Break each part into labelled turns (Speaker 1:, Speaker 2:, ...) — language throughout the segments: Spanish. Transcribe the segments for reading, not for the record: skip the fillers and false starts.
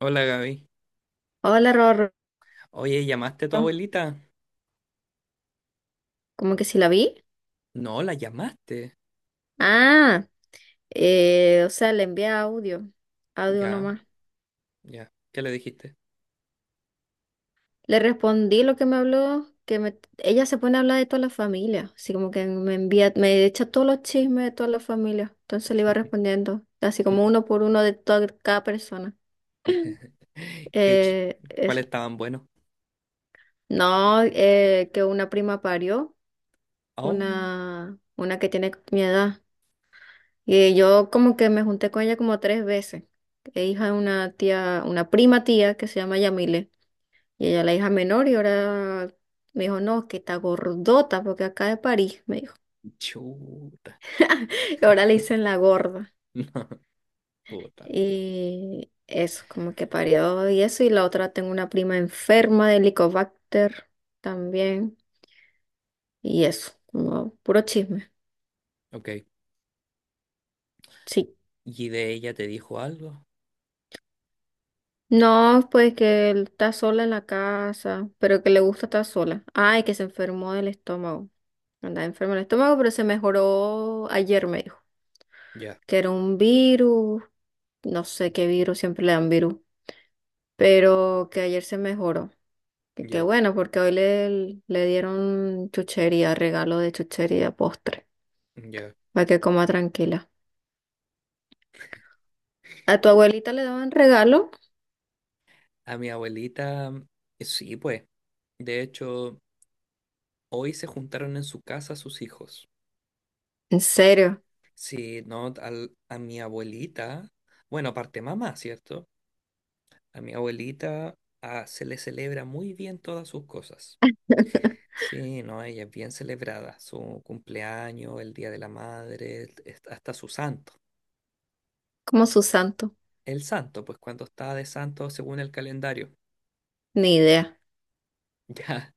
Speaker 1: Hola Gaby.
Speaker 2: Hola, Rorro.
Speaker 1: Oye, ¿llamaste a tu abuelita?
Speaker 2: ¿Cómo que si la vi?
Speaker 1: No, la llamaste.
Speaker 2: Ah, o sea, le envié audio, audio
Speaker 1: Ya,
Speaker 2: nomás.
Speaker 1: ya. ¿Qué le dijiste?
Speaker 2: Le respondí lo que me habló, ella se pone a hablar de toda la familia, así como que me envía, me echa todos los chismes de toda la familia. Entonces le iba respondiendo, así como uno por uno de toda cada persona.
Speaker 1: ¿Qué chi- ¿Cuáles
Speaker 2: Eso.
Speaker 1: estaban buenos?
Speaker 2: No, que una prima parió,
Speaker 1: Oh,
Speaker 2: una que tiene mi edad. Y yo como que me junté con ella como tres veces. Es hija de una tía, una prima tía que se llama Yamile. Y ella es la hija menor y ahora me dijo, no, que está gordota porque acá de París, me dijo.
Speaker 1: chuta.
Speaker 2: Y ahora le dicen la gorda.
Speaker 1: No, puta.
Speaker 2: Y eso, como que parió y eso. Y la otra tengo una prima enferma de Helicobacter también. Y eso, como puro chisme.
Speaker 1: Ok.
Speaker 2: Sí.
Speaker 1: ¿Y de ella te dijo algo?
Speaker 2: No, pues que él está sola en la casa, pero que le gusta estar sola. Ay, que se enfermó del estómago. Andaba enfermo el estómago, pero se mejoró ayer, me dijo.
Speaker 1: Ya,
Speaker 2: Que era un virus, no sé qué virus, siempre le dan virus. Pero que ayer se mejoró. Que qué
Speaker 1: ya,
Speaker 2: bueno, porque hoy le dieron chuchería, regalo de chuchería, postre,
Speaker 1: ya.
Speaker 2: para que coma tranquila. ¿A tu abuelita le daban regalo?
Speaker 1: A mi abuelita, sí, pues. De hecho, hoy se juntaron en su casa sus hijos.
Speaker 2: ¿En serio?
Speaker 1: Sí, no, a mi abuelita. Bueno, aparte mamá, ¿cierto? A mi abuelita se le celebra muy bien todas sus cosas. Sí, no, ella es bien celebrada. Su cumpleaños, el Día de la Madre, hasta su santo.
Speaker 2: Como su santo.
Speaker 1: El santo, pues cuando está de santo según el calendario.
Speaker 2: Ni idea,
Speaker 1: Ya,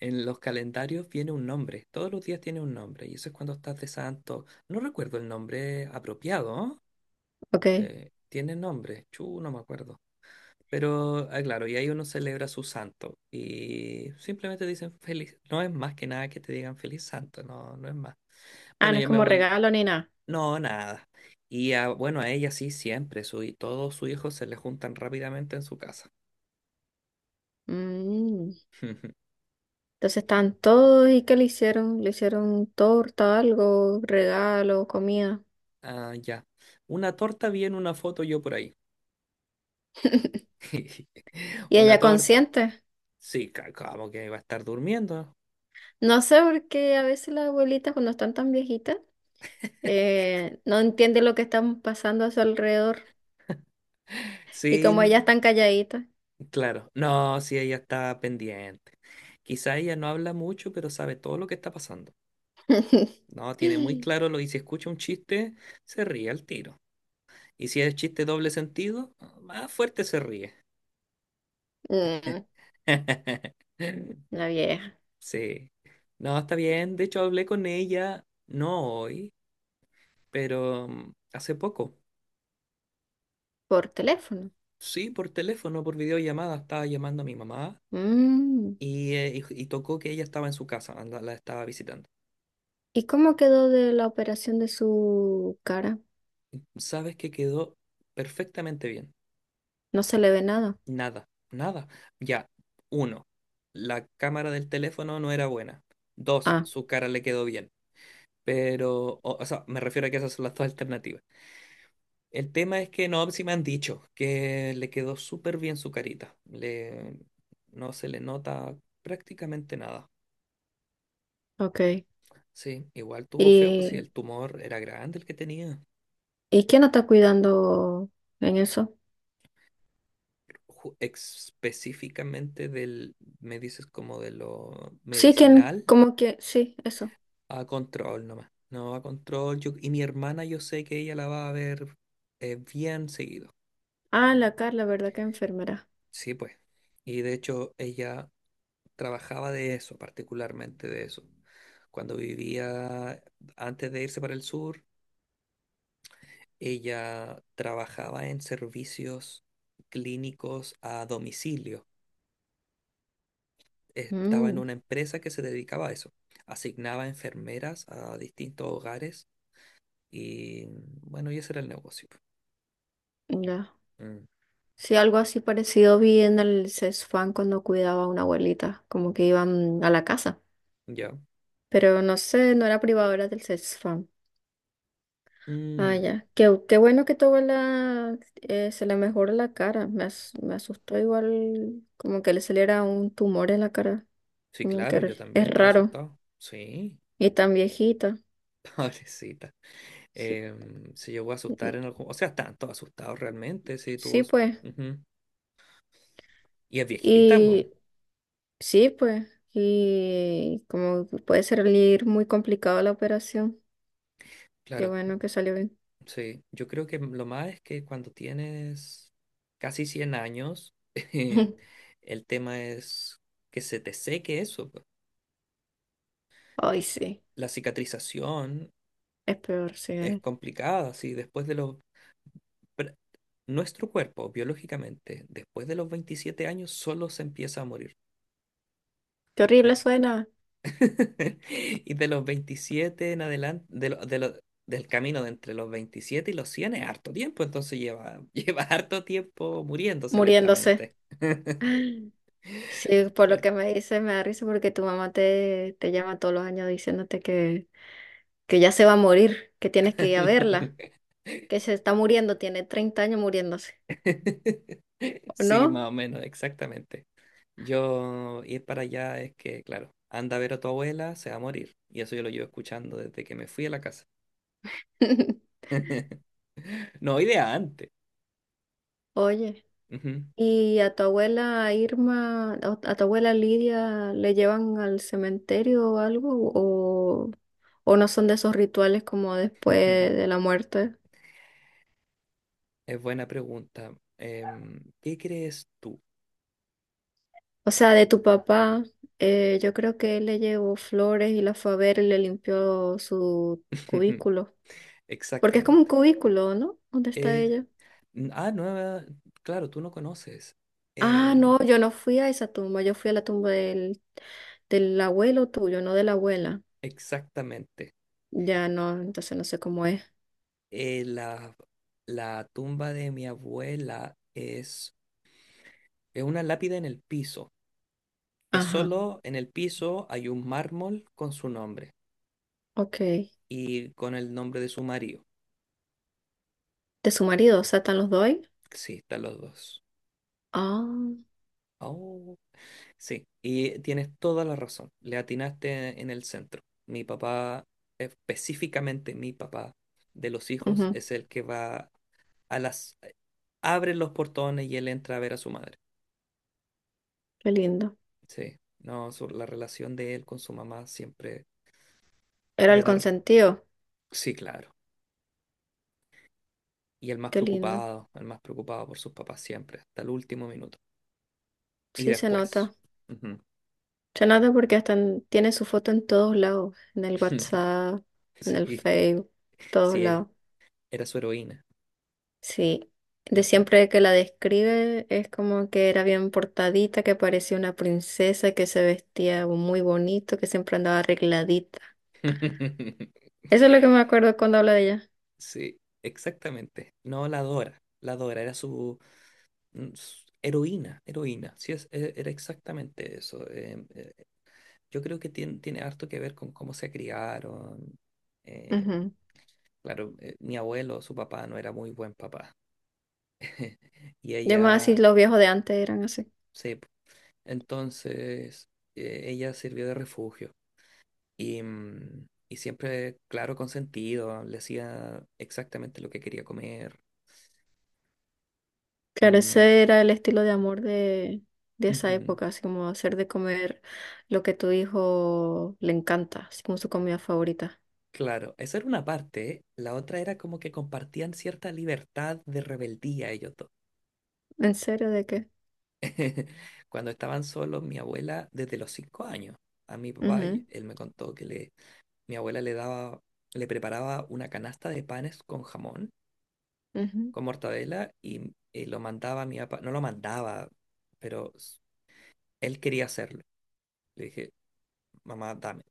Speaker 1: en los calendarios viene un nombre. Todos los días tiene un nombre. Y eso es cuando estás de santo. No recuerdo el nombre apropiado, ¿no?
Speaker 2: ok.
Speaker 1: Tiene nombre. Chu, no me acuerdo. Pero, ah, claro, y ahí uno celebra su santo y simplemente dicen feliz. No es más que nada que te digan feliz santo, no, no es más.
Speaker 2: Ah,
Speaker 1: Bueno,
Speaker 2: no es
Speaker 1: yo me
Speaker 2: como
Speaker 1: vuelvo.
Speaker 2: regalo ni nada.
Speaker 1: No, nada. Y a, bueno, a ella sí, siempre. Su, y todos sus hijos se le juntan rápidamente en su casa.
Speaker 2: Mm. Entonces están todos y ¿qué le hicieron? Le hicieron torta, algo, regalo, comida.
Speaker 1: Ah, ya. Una torta, bien, una foto yo por ahí.
Speaker 2: Y
Speaker 1: Una
Speaker 2: ella
Speaker 1: torta.
Speaker 2: consciente.
Speaker 1: Sí, como que va a estar durmiendo.
Speaker 2: No sé por qué a veces las abuelitas cuando están tan viejitas no entienden lo que están pasando a su alrededor y
Speaker 1: Sí,
Speaker 2: como ellas están calladitas.
Speaker 1: claro, no, sí, ella está pendiente. Quizá ella no habla mucho, pero sabe todo lo que está pasando. No, tiene muy claro lo y si escucha un chiste, se ríe al tiro. Y si es chiste doble sentido, más fuerte se ríe.
Speaker 2: Mm, la vieja,
Speaker 1: Sí, no, está bien. De hecho, hablé con ella, no hoy, pero hace poco.
Speaker 2: por teléfono.
Speaker 1: Sí, por teléfono, por videollamada, estaba llamando a mi mamá
Speaker 2: Mm.
Speaker 1: y, y tocó que ella estaba en su casa, la estaba visitando.
Speaker 2: ¿Y cómo quedó de la operación de su cara?
Speaker 1: Sabes que quedó perfectamente bien.
Speaker 2: No se le ve nada.
Speaker 1: Nada, nada. Ya, uno, la cámara del teléfono no era buena. Dos,
Speaker 2: Ah,
Speaker 1: su cara le quedó bien. Pero, o sea, me refiero a que esas son las dos alternativas. El tema es que no, si me han dicho que le quedó súper bien su carita. Le, no se le nota prácticamente nada.
Speaker 2: ok.
Speaker 1: Sí, igual tuvo feo, pues si
Speaker 2: ¿Y,
Speaker 1: el tumor era grande el que tenía.
Speaker 2: quién la está cuidando en eso?
Speaker 1: Específicamente del, me dices como de lo
Speaker 2: Sí, quién,
Speaker 1: medicinal.
Speaker 2: como que, sí, eso.
Speaker 1: A control nomás. No, a control. Yo, y mi hermana, yo sé que ella la va a ver bien seguido.
Speaker 2: Ah, la Carla, ¿verdad? Que enfermera.
Speaker 1: Sí, pues. Y de hecho, ella trabajaba de eso, particularmente de eso. Cuando vivía, antes de irse para el sur, ella trabajaba en servicios clínicos a domicilio. Estaba en
Speaker 2: Mm,
Speaker 1: una empresa que se dedicaba a eso. Asignaba enfermeras a distintos hogares y bueno, y ese era el negocio.
Speaker 2: ya.
Speaker 1: Mm,
Speaker 2: Sí, algo así parecido vi en el CESFAM cuando cuidaba a una abuelita, como que iban a la casa,
Speaker 1: ya.
Speaker 2: pero no sé, no era privado, era del CESFAM. Ah,
Speaker 1: Mm,
Speaker 2: ya. Qué, qué bueno que tu abuela se le mejoró la cara. Me asustó igual como que le saliera un tumor en la cara,
Speaker 1: sí,
Speaker 2: como que
Speaker 1: claro, yo
Speaker 2: es
Speaker 1: también estaba
Speaker 2: raro.
Speaker 1: asustado. Sí,
Speaker 2: Y tan viejita.
Speaker 1: pobrecita.
Speaker 2: Sí,
Speaker 1: Se llegó a
Speaker 2: mm,
Speaker 1: asustar en algún... O sea, estaban todos asustados realmente, sí,
Speaker 2: sí, pues.
Speaker 1: ujú. Y es viejita, pues,
Speaker 2: Y sí, pues. Y como puede salir muy complicado la operación. Qué
Speaker 1: claro.
Speaker 2: bueno que salió bien.
Speaker 1: Sí, yo creo que lo más es que cuando tienes casi 100 años, el tema es que se te seque eso. Po.
Speaker 2: Ay, sí,
Speaker 1: La cicatrización
Speaker 2: es peor, sí.
Speaker 1: es complicada, sí, después de pr- nuestro cuerpo, biológicamente, después de los 27 años, solo se empieza a morir.
Speaker 2: Qué horrible suena,
Speaker 1: Y de los 27 en adelante, del camino de entre los 27 y los 100 es harto tiempo, entonces lleva, lleva harto tiempo muriéndose
Speaker 2: muriéndose.
Speaker 1: lentamente.
Speaker 2: Sí, por lo
Speaker 1: Claro.
Speaker 2: que me dice, me da risa porque tu mamá te llama todos los años diciéndote que ya se va a morir, que tienes que ir a verla, que se está muriendo, tiene 30 años muriéndose, ¿o
Speaker 1: Sí, más
Speaker 2: no?
Speaker 1: o menos, exactamente. Yo ir para allá es que, claro, anda a ver a tu abuela, se va a morir. Y eso yo lo llevo escuchando desde que me fui a la casa. No, idea antes.
Speaker 2: Oye,
Speaker 1: Ujú.
Speaker 2: ¿y a tu abuela Irma, o a tu abuela Lidia, le llevan al cementerio o algo? O no son de esos rituales como después de la muerte?
Speaker 1: Es buena pregunta. Em, ¿qué crees tú?
Speaker 2: O sea, de tu papá, yo creo que él le llevó flores y la fue a ver y le limpió su cubículo. Porque es como un
Speaker 1: Exactamente.
Speaker 2: cubículo, ¿no? ¿Dónde está
Speaker 1: Es-
Speaker 2: ella?
Speaker 1: ah, nueva, claro, tú no conoces.
Speaker 2: Ah,
Speaker 1: Em,
Speaker 2: no, yo no fui a esa tumba, yo fui a la tumba del abuelo tuyo, no de la abuela.
Speaker 1: exactamente.
Speaker 2: Ya no, entonces no sé cómo es.
Speaker 1: Eh, la, la tumba de mi abuela es una lápida en el piso. Es
Speaker 2: Ajá,
Speaker 1: solo en el piso hay un mármol con su nombre
Speaker 2: ok.
Speaker 1: y con el nombre de su marido.
Speaker 2: De su marido, o sea, ¿están los dos ahí?
Speaker 1: Sí, están los dos.
Speaker 2: Ah,
Speaker 1: Oh, sí, y tienes toda la razón. Le atinaste en el centro. Mi papá, específicamente mi papá de los hijos,
Speaker 2: ujú,
Speaker 1: es el que va a las abre los portones y él entra a ver a su madre.
Speaker 2: qué lindo.
Speaker 1: Sí, no, su- la relación de él con su mamá siempre
Speaker 2: Era
Speaker 1: de
Speaker 2: el
Speaker 1: dar,
Speaker 2: consentido,
Speaker 1: sí, claro. Y
Speaker 2: qué lindo.
Speaker 1: el más preocupado por sus papás siempre, hasta el último minuto. Y
Speaker 2: Sí, se
Speaker 1: después.
Speaker 2: nota.
Speaker 1: Ujú.
Speaker 2: Se nota porque hasta tiene su foto en todos lados, en el WhatsApp, en el
Speaker 1: Sí,
Speaker 2: Facebook, todos
Speaker 1: sí, e-
Speaker 2: lados.
Speaker 1: era su heroína.
Speaker 2: Sí, de
Speaker 1: Ujú.
Speaker 2: siempre que la describe es como que era bien portadita, que parecía una princesa, que se vestía muy bonito, que siempre andaba arregladita. Eso es lo que me acuerdo cuando habla de ella.
Speaker 1: Sí, exactamente. No, la adora, era su heroína, heroína. Sí, era exactamente eso. Yo creo que tiene harto que ver con cómo se criaron. Eh,
Speaker 2: Ujú.
Speaker 1: claro, mi abuelo, su papá no era muy buen papá. Y
Speaker 2: Y además, así
Speaker 1: ella
Speaker 2: los viejos de antes eran así.
Speaker 1: se... Entonces, ella sirvió de refugio. Y, y siempre, claro, consentido, le hacía exactamente lo que quería comer.
Speaker 2: Claro,
Speaker 1: Mm,
Speaker 2: ese era el estilo de amor de esa
Speaker 1: ujú.
Speaker 2: época, así como hacer de comer lo que tu hijo le encanta, así como su comida favorita.
Speaker 1: Claro, esa era una parte. La otra era como que compartían cierta libertad de rebeldía ellos dos.
Speaker 2: ¿En serio de qué?
Speaker 1: Cuando estaban solos, mi abuela, desde los 5 años, a mi papá,
Speaker 2: Ujú,
Speaker 1: él me contó que mi abuela le daba, le preparaba una canasta de panes con jamón,
Speaker 2: ujú,
Speaker 1: con mortadela, y, lo mandaba a mi papá, no lo mandaba, pero s- él quería hacerlo. Le dije, mamá, dame.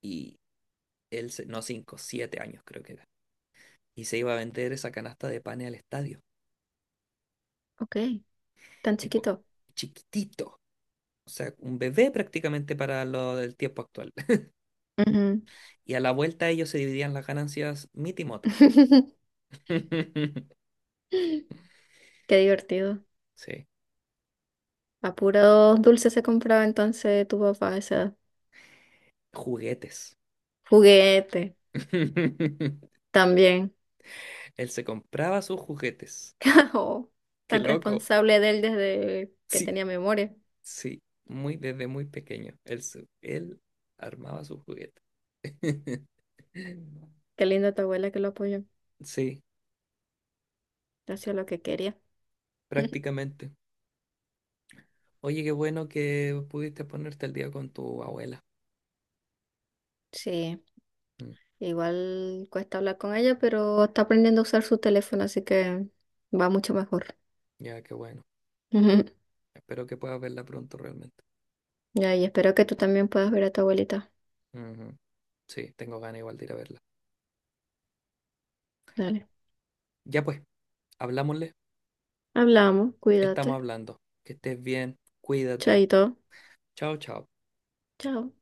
Speaker 1: Y no 5, 7 años creo que era. Y se iba a vender esa canasta de panes al estadio.
Speaker 2: Ok, tan
Speaker 1: Y cu-
Speaker 2: chiquito.
Speaker 1: chiquitito, o sea, un bebé prácticamente para lo del tiempo actual.
Speaker 2: Ujú.
Speaker 1: Y a la vuelta ellos se dividían las ganancias mitimota.
Speaker 2: Qué divertido.
Speaker 1: Sí,
Speaker 2: A puros dulces se compraba entonces tu papá esa edad.
Speaker 1: juguetes.
Speaker 2: Juguete también.
Speaker 1: Él se compraba sus juguetes.
Speaker 2: Oh,
Speaker 1: Qué
Speaker 2: tan
Speaker 1: loco.
Speaker 2: responsable de él desde que
Speaker 1: Sí,
Speaker 2: tenía memoria.
Speaker 1: sí, muy desde muy pequeño. Él armaba sus juguetes.
Speaker 2: Qué lindo tu abuela que lo apoyó.
Speaker 1: Sí,
Speaker 2: Hacía lo que quería.
Speaker 1: prácticamente. Oye, qué bueno que pudiste ponerte al día con tu abuela.
Speaker 2: Sí,
Speaker 1: Mm,
Speaker 2: igual cuesta hablar con ella, pero está aprendiendo a usar su teléfono, así que va mucho mejor.
Speaker 1: ya, qué bueno. Espero que puedas verla pronto realmente.
Speaker 2: Ya, y espero que tú también puedas ver a tu abuelita.
Speaker 1: Ujú. Sí, tengo ganas igual de ir a verla.
Speaker 2: Dale.
Speaker 1: Ya pues, hablámosle.
Speaker 2: Hablamos,
Speaker 1: Estamos
Speaker 2: cuídate.
Speaker 1: hablando. Que estés bien, cuídate.
Speaker 2: Chaito.
Speaker 1: Chao, chao.
Speaker 2: Chao.